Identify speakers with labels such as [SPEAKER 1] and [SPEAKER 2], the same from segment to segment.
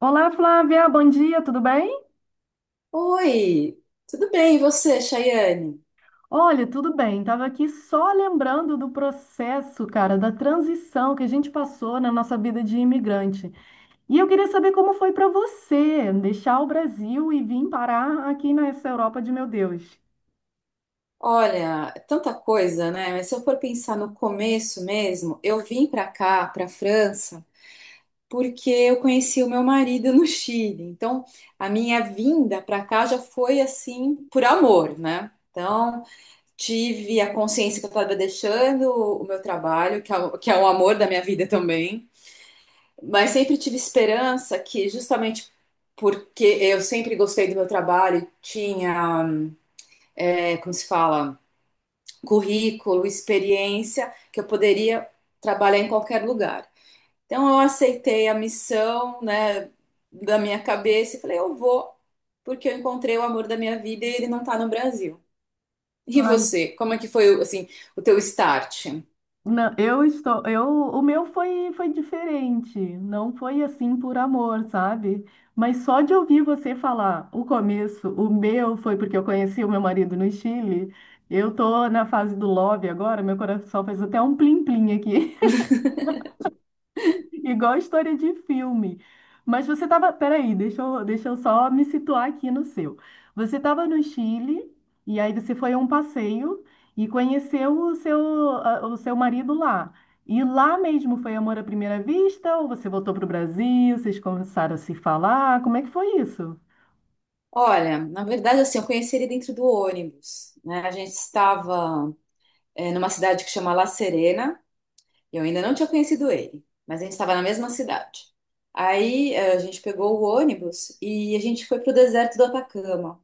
[SPEAKER 1] Olá, Flávia, bom dia, tudo bem?
[SPEAKER 2] Oi, tudo bem? E você, Chayane?
[SPEAKER 1] Olha, tudo bem. Tava aqui só lembrando do processo, cara, da transição que a gente passou na nossa vida de imigrante. E eu queria saber como foi para você deixar o Brasil e vir parar aqui nessa Europa de meu Deus.
[SPEAKER 2] Olha, é tanta coisa, né? Mas se eu for pensar no começo mesmo, eu vim para cá, para França, porque eu conheci o meu marido no Chile. Então, a minha vinda para cá já foi assim por amor, né? Então, tive a consciência que eu estava deixando o meu trabalho, que é o amor da minha vida também, mas sempre tive esperança que justamente porque eu sempre gostei do meu trabalho, tinha como se fala, currículo, experiência, que eu poderia trabalhar em qualquer lugar. Então eu aceitei a missão, né, da minha cabeça e falei, eu vou, porque eu encontrei o amor da minha vida e ele não está no Brasil. E
[SPEAKER 1] Ai,
[SPEAKER 2] você, como é que foi, assim, o teu start?
[SPEAKER 1] não, o meu foi diferente, não foi assim por amor, sabe? Mas só de ouvir você falar o começo, o meu foi porque eu conheci o meu marido no Chile. Eu tô na fase do love agora, meu coração faz até um plim-plim aqui. Igual história de filme. Mas você estava. Peraí, deixa eu só me situar aqui no seu. Você estava no Chile, e aí você foi a um passeio e conheceu o seu marido lá. E lá mesmo foi amor à primeira vista? Ou você voltou para o Brasil? Vocês começaram a se falar? Como é que foi isso?
[SPEAKER 2] Olha, na verdade, assim, eu conheci ele dentro do ônibus, né? A gente estava, eh, Numa cidade que chama La Serena, eu ainda não tinha conhecido ele, mas a gente estava na mesma cidade. Aí, a gente pegou o ônibus e a gente foi para o deserto do Atacama.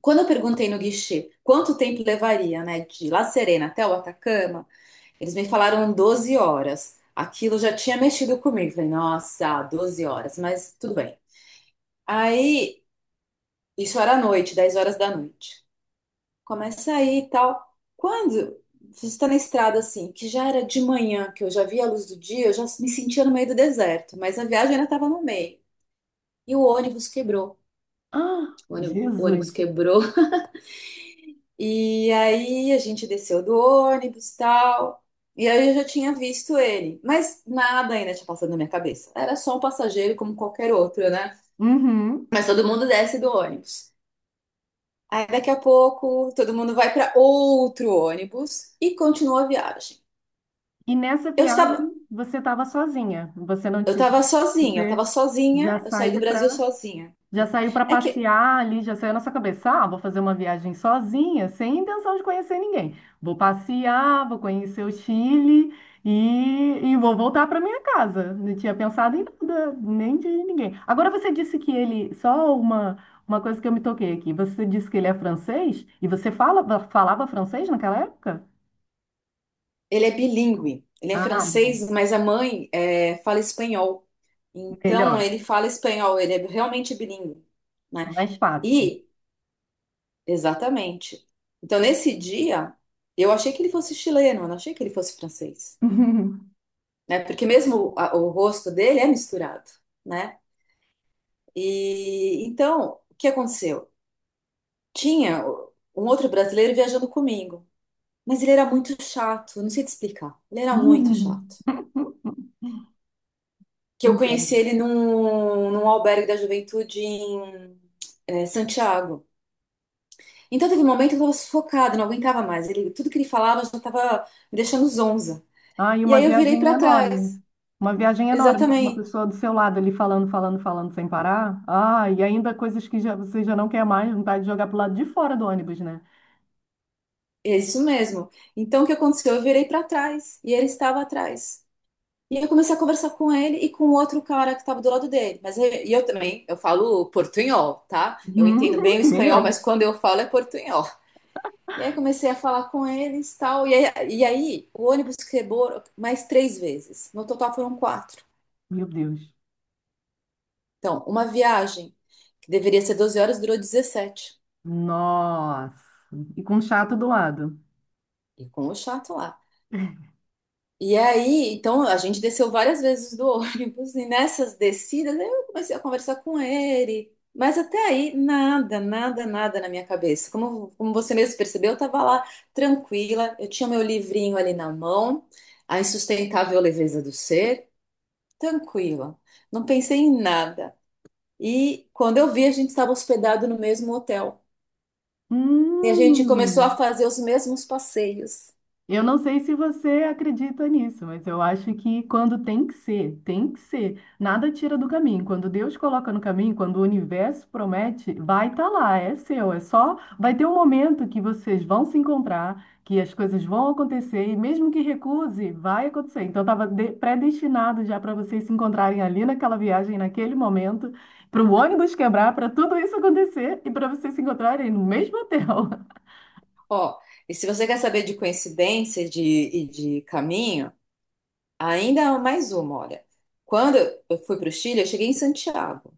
[SPEAKER 2] Quando eu perguntei no guichê quanto tempo levaria, né, de La Serena até o Atacama, eles me falaram 12 horas. Aquilo já tinha mexido comigo. Falei, nossa, 12 horas, mas tudo bem. Aí, isso era à noite, 10 horas da noite. Começa aí e tal. Quando você está na estrada assim, que já era de manhã, que eu já via a luz do dia, eu já me sentia no meio do deserto, mas a viagem ainda estava no meio. E o ônibus quebrou.
[SPEAKER 1] Ah,
[SPEAKER 2] O ônibus
[SPEAKER 1] Jesus!
[SPEAKER 2] quebrou. E aí a gente desceu do ônibus e tal. E aí eu já tinha visto ele, mas nada ainda tinha passado na minha cabeça. Era só um passageiro como qualquer outro, né?
[SPEAKER 1] Uhum.
[SPEAKER 2] Mas todo mundo desce do ônibus. Aí daqui a pouco todo mundo vai para outro ônibus e continua a viagem.
[SPEAKER 1] E nessa
[SPEAKER 2] Eu estava,
[SPEAKER 1] viagem você estava sozinha. Você não
[SPEAKER 2] Eu
[SPEAKER 1] tinha.
[SPEAKER 2] tava sozinha, eu tava
[SPEAKER 1] Você já
[SPEAKER 2] sozinha, eu saí do
[SPEAKER 1] saiu
[SPEAKER 2] Brasil sozinha,
[SPEAKER 1] Já
[SPEAKER 2] né?
[SPEAKER 1] saiu para
[SPEAKER 2] É que
[SPEAKER 1] passear ali, já saiu na sua cabeça, ah, vou fazer uma viagem sozinha, sem intenção de conhecer ninguém. Vou passear, vou conhecer o Chile e vou voltar para minha casa. Não tinha pensado em nada, nem de ninguém. Agora você disse que ele, uma coisa que eu me toquei aqui, você disse que ele é francês e você falava francês naquela época?
[SPEAKER 2] ele é bilíngue, ele é
[SPEAKER 1] Ah,
[SPEAKER 2] francês, mas a mãe fala espanhol. Então
[SPEAKER 1] melhor,
[SPEAKER 2] ele fala espanhol, ele é realmente bilíngue, né?
[SPEAKER 1] mais fácil.
[SPEAKER 2] E, exatamente. Então nesse dia, eu achei que ele fosse chileno, eu não achei que ele fosse francês, né? Porque mesmo o rosto dele é misturado, né? E então, o que aconteceu? Tinha um outro brasileiro viajando comigo. Mas ele era muito chato, eu não sei te explicar. Ele era muito chato. Que eu
[SPEAKER 1] Entendo.
[SPEAKER 2] conheci ele num albergue da juventude em Santiago. Então teve um momento que eu tava sufocada, não aguentava mais. Ele, tudo que ele falava já tava me deixando zonza.
[SPEAKER 1] Ah, e
[SPEAKER 2] E
[SPEAKER 1] uma
[SPEAKER 2] aí eu virei
[SPEAKER 1] viagem
[SPEAKER 2] pra trás.
[SPEAKER 1] enorme. Uma viagem enorme, com uma
[SPEAKER 2] Exatamente.
[SPEAKER 1] pessoa do seu lado ali falando, falando, falando sem parar. Ah, e ainda coisas que já, você já não quer mais, vontade de jogar pro lado de fora do ônibus, né?
[SPEAKER 2] É isso mesmo. Então o que aconteceu? Eu virei pra trás e ele estava atrás. E eu comecei a conversar com ele e com outro cara que estava do lado dele. E eu também, eu falo portunhol, tá? Eu entendo bem o
[SPEAKER 1] Que nem
[SPEAKER 2] espanhol, mas
[SPEAKER 1] eu.
[SPEAKER 2] quando eu falo é portunhol. E aí comecei a falar com eles, tal. E aí o ônibus quebrou mais três vezes. No total foram quatro.
[SPEAKER 1] Meu Deus.
[SPEAKER 2] Então, uma viagem que deveria ser 12 horas durou 17.
[SPEAKER 1] Nossa. E com um chato do lado.
[SPEAKER 2] E com o chato lá. E aí, então, a gente desceu várias vezes do ônibus. E nessas descidas, eu comecei a conversar com ele. Mas até aí, nada, nada, nada na minha cabeça. Como, como você mesmo percebeu, eu estava lá tranquila. Eu tinha meu livrinho ali na mão. A Insustentável Leveza do Ser. Tranquila, não pensei em nada. E quando eu vi, a gente estava hospedado no mesmo hotel. E a gente começou a
[SPEAKER 1] Hum.
[SPEAKER 2] fazer os mesmos passeios.
[SPEAKER 1] Eu não sei se você acredita nisso, mas eu acho que quando tem que ser, tem que ser. Nada tira do caminho. Quando Deus coloca no caminho, quando o universo promete, vai estar lá, é seu. É só, vai ter um momento que vocês vão se encontrar, que as coisas vão acontecer e mesmo que recuse, vai acontecer. Então estava predestinado já para vocês se encontrarem ali naquela viagem, naquele momento, para o ônibus quebrar, para tudo isso acontecer e para vocês se encontrarem no mesmo hotel.
[SPEAKER 2] Ó, e se você quer saber de coincidência e de caminho, ainda há mais uma, olha. Quando eu fui para o Chile, eu cheguei em Santiago.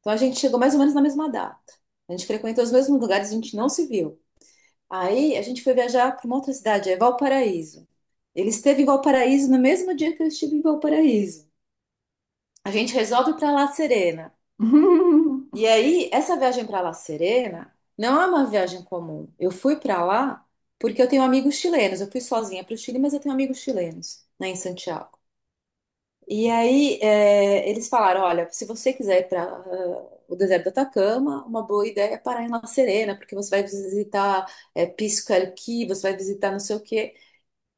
[SPEAKER 2] Então a gente chegou mais ou menos na mesma data. A gente frequentou os mesmos lugares, a gente não se viu. Aí a gente foi viajar para uma outra cidade, é Valparaíso. Ele esteve em Valparaíso no mesmo dia que eu estive em Valparaíso. A gente resolve para La Serena. E aí, essa viagem para La Serena não é uma viagem comum. Eu fui para lá porque eu tenho amigos chilenos. Eu fui sozinha para o Chile, mas eu tenho amigos chilenos, né, em Santiago. E aí, eles falaram: olha, se você quiser ir para o deserto do Atacama, uma boa ideia é parar em La Serena, porque você vai visitar Pisco Arqui, você vai visitar não sei o quê.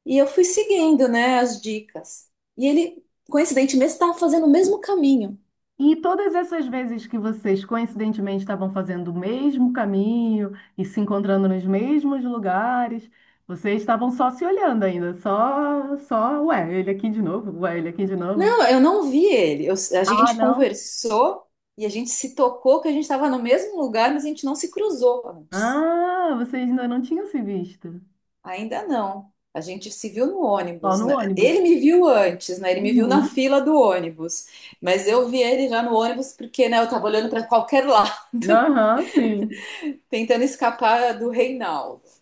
[SPEAKER 2] E eu fui seguindo, né, as dicas. E ele, coincidentemente, estava fazendo o mesmo caminho.
[SPEAKER 1] E todas essas vezes que vocês coincidentemente estavam fazendo o mesmo caminho e se encontrando nos mesmos lugares, vocês estavam só se olhando ainda, só, ué, ele aqui de novo, ué, ele aqui de novo.
[SPEAKER 2] Não, eu não vi ele. A
[SPEAKER 1] Ah,
[SPEAKER 2] gente
[SPEAKER 1] não.
[SPEAKER 2] conversou e a gente se tocou que a gente estava no mesmo lugar, mas a gente não se cruzou antes.
[SPEAKER 1] Ah, vocês ainda não tinham se visto.
[SPEAKER 2] Ainda não. A gente se viu no
[SPEAKER 1] Só
[SPEAKER 2] ônibus,
[SPEAKER 1] no
[SPEAKER 2] né?
[SPEAKER 1] ônibus.
[SPEAKER 2] Ele me viu antes, né? Ele me viu na
[SPEAKER 1] Uhum.
[SPEAKER 2] fila do ônibus. Mas eu vi ele já no ônibus porque, né, eu estava olhando para qualquer lado,
[SPEAKER 1] Aham, sim.
[SPEAKER 2] tentando escapar do Reinaldo.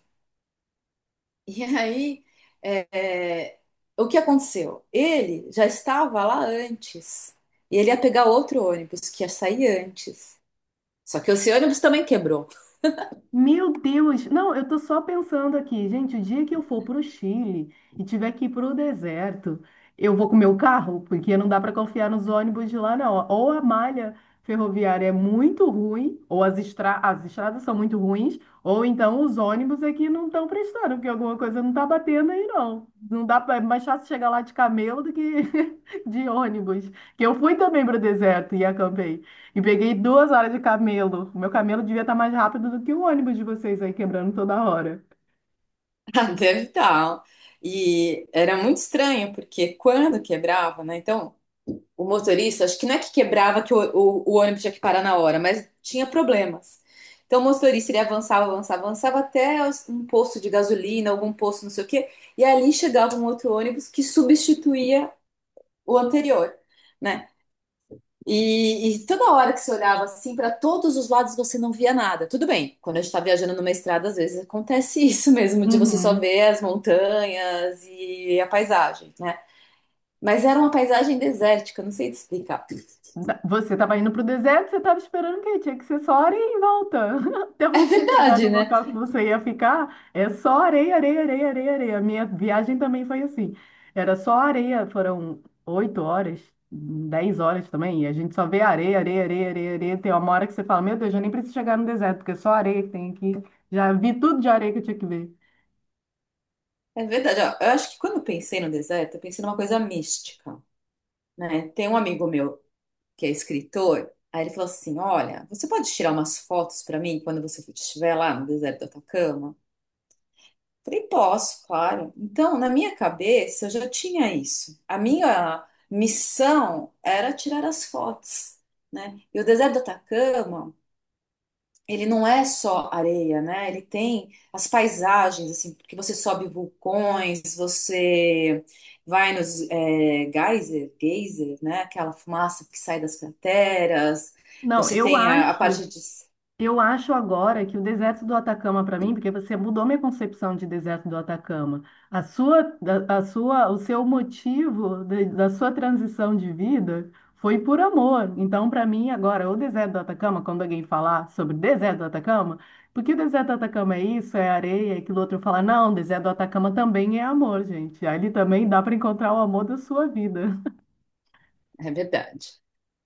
[SPEAKER 2] E aí, é, é, o que aconteceu? Ele já estava lá antes. E ele ia pegar outro ônibus que ia sair antes. Só que esse ônibus também quebrou.
[SPEAKER 1] Meu Deus! Não, eu tô só pensando aqui, gente, o dia que eu for pro Chile e tiver que ir pro deserto, eu vou com meu carro, porque não dá para confiar nos ônibus de lá, não. Ou a malha ferroviária é muito ruim, ou as estradas são muito ruins, ou então os ônibus aqui não estão prestando, porque alguma coisa não tá batendo aí, não. Não dá pra... É mais fácil chegar lá de camelo do que de ônibus. Que eu fui também pro deserto e acampei. E peguei 2 horas de camelo. O meu camelo devia estar mais rápido do que o ônibus de vocês aí quebrando toda hora.
[SPEAKER 2] Ah, deve estar. E era muito estranho, porque quando quebrava, né? Então, o motorista, acho que não é que quebrava que o ônibus tinha que parar na hora, mas tinha problemas. Então, o motorista, ele avançava, avançava, avançava até um posto de gasolina, algum posto, não sei o quê, e ali chegava um outro ônibus que substituía o anterior, né? E toda hora que você olhava assim para todos os lados você não via nada. Tudo bem, quando a gente está viajando numa estrada, às vezes acontece isso mesmo, de você só
[SPEAKER 1] Uhum.
[SPEAKER 2] ver as montanhas e a paisagem, né? Mas era uma paisagem desértica, não sei te explicar.
[SPEAKER 1] Você estava indo para o deserto, você estava esperando o quê? Tinha que ser só areia em volta. Até
[SPEAKER 2] É
[SPEAKER 1] você chegar
[SPEAKER 2] verdade,
[SPEAKER 1] no
[SPEAKER 2] né?
[SPEAKER 1] local que você ia ficar, é só areia, areia, areia, areia, areia. A minha viagem também foi assim. Era só areia, foram 8 horas, 10 horas também, e a gente só vê areia, areia, areia, areia, areia. Tem uma hora que você fala, meu Deus, eu nem preciso chegar no deserto, porque é só areia que tem aqui. Já vi tudo de areia que eu tinha que ver.
[SPEAKER 2] É verdade. Ó, eu acho que quando eu pensei no deserto, eu pensei numa coisa mística, né? Tem um amigo meu que é escritor, aí ele falou assim: olha, você pode tirar umas fotos para mim quando você estiver lá no deserto do Atacama? Falei, posso, claro. Então, na minha cabeça, eu já tinha isso. A minha missão era tirar as fotos, né? E o deserto do Atacama, ele não é só areia, né? Ele tem as paisagens, assim, porque você sobe vulcões, você vai nos geyser, né? Aquela fumaça que sai das crateras,
[SPEAKER 1] Não,
[SPEAKER 2] você
[SPEAKER 1] eu
[SPEAKER 2] tem a
[SPEAKER 1] acho,
[SPEAKER 2] parte de...
[SPEAKER 1] eu acho agora que o deserto do Atacama para mim, porque você mudou minha concepção de deserto do Atacama. A sua, a sua, o seu motivo da sua transição de vida foi por amor. Então, para mim agora, o deserto do Atacama, quando alguém falar sobre o deserto do Atacama, porque o deserto do Atacama é isso, é areia, é aquilo outro fala, não, o deserto do Atacama também é amor, gente. Ali também dá para encontrar o amor da sua vida.
[SPEAKER 2] É verdade.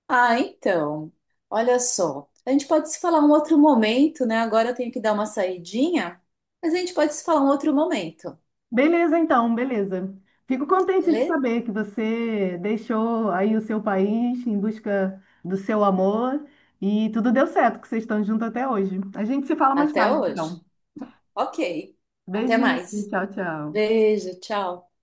[SPEAKER 2] Ah, então, olha só. A gente pode se falar um outro momento, né? Agora eu tenho que dar uma saidinha, mas a gente pode se falar um outro momento,
[SPEAKER 1] Beleza, então, beleza. Fico contente de
[SPEAKER 2] beleza?
[SPEAKER 1] saber que você deixou aí o seu país em busca do seu amor e tudo deu certo, que vocês estão juntos até hoje. A gente se fala mais
[SPEAKER 2] Até
[SPEAKER 1] tarde,
[SPEAKER 2] hoje.
[SPEAKER 1] então.
[SPEAKER 2] Ok. Até
[SPEAKER 1] Beijinho,
[SPEAKER 2] mais.
[SPEAKER 1] tchau, tchau.
[SPEAKER 2] Beijo, tchau.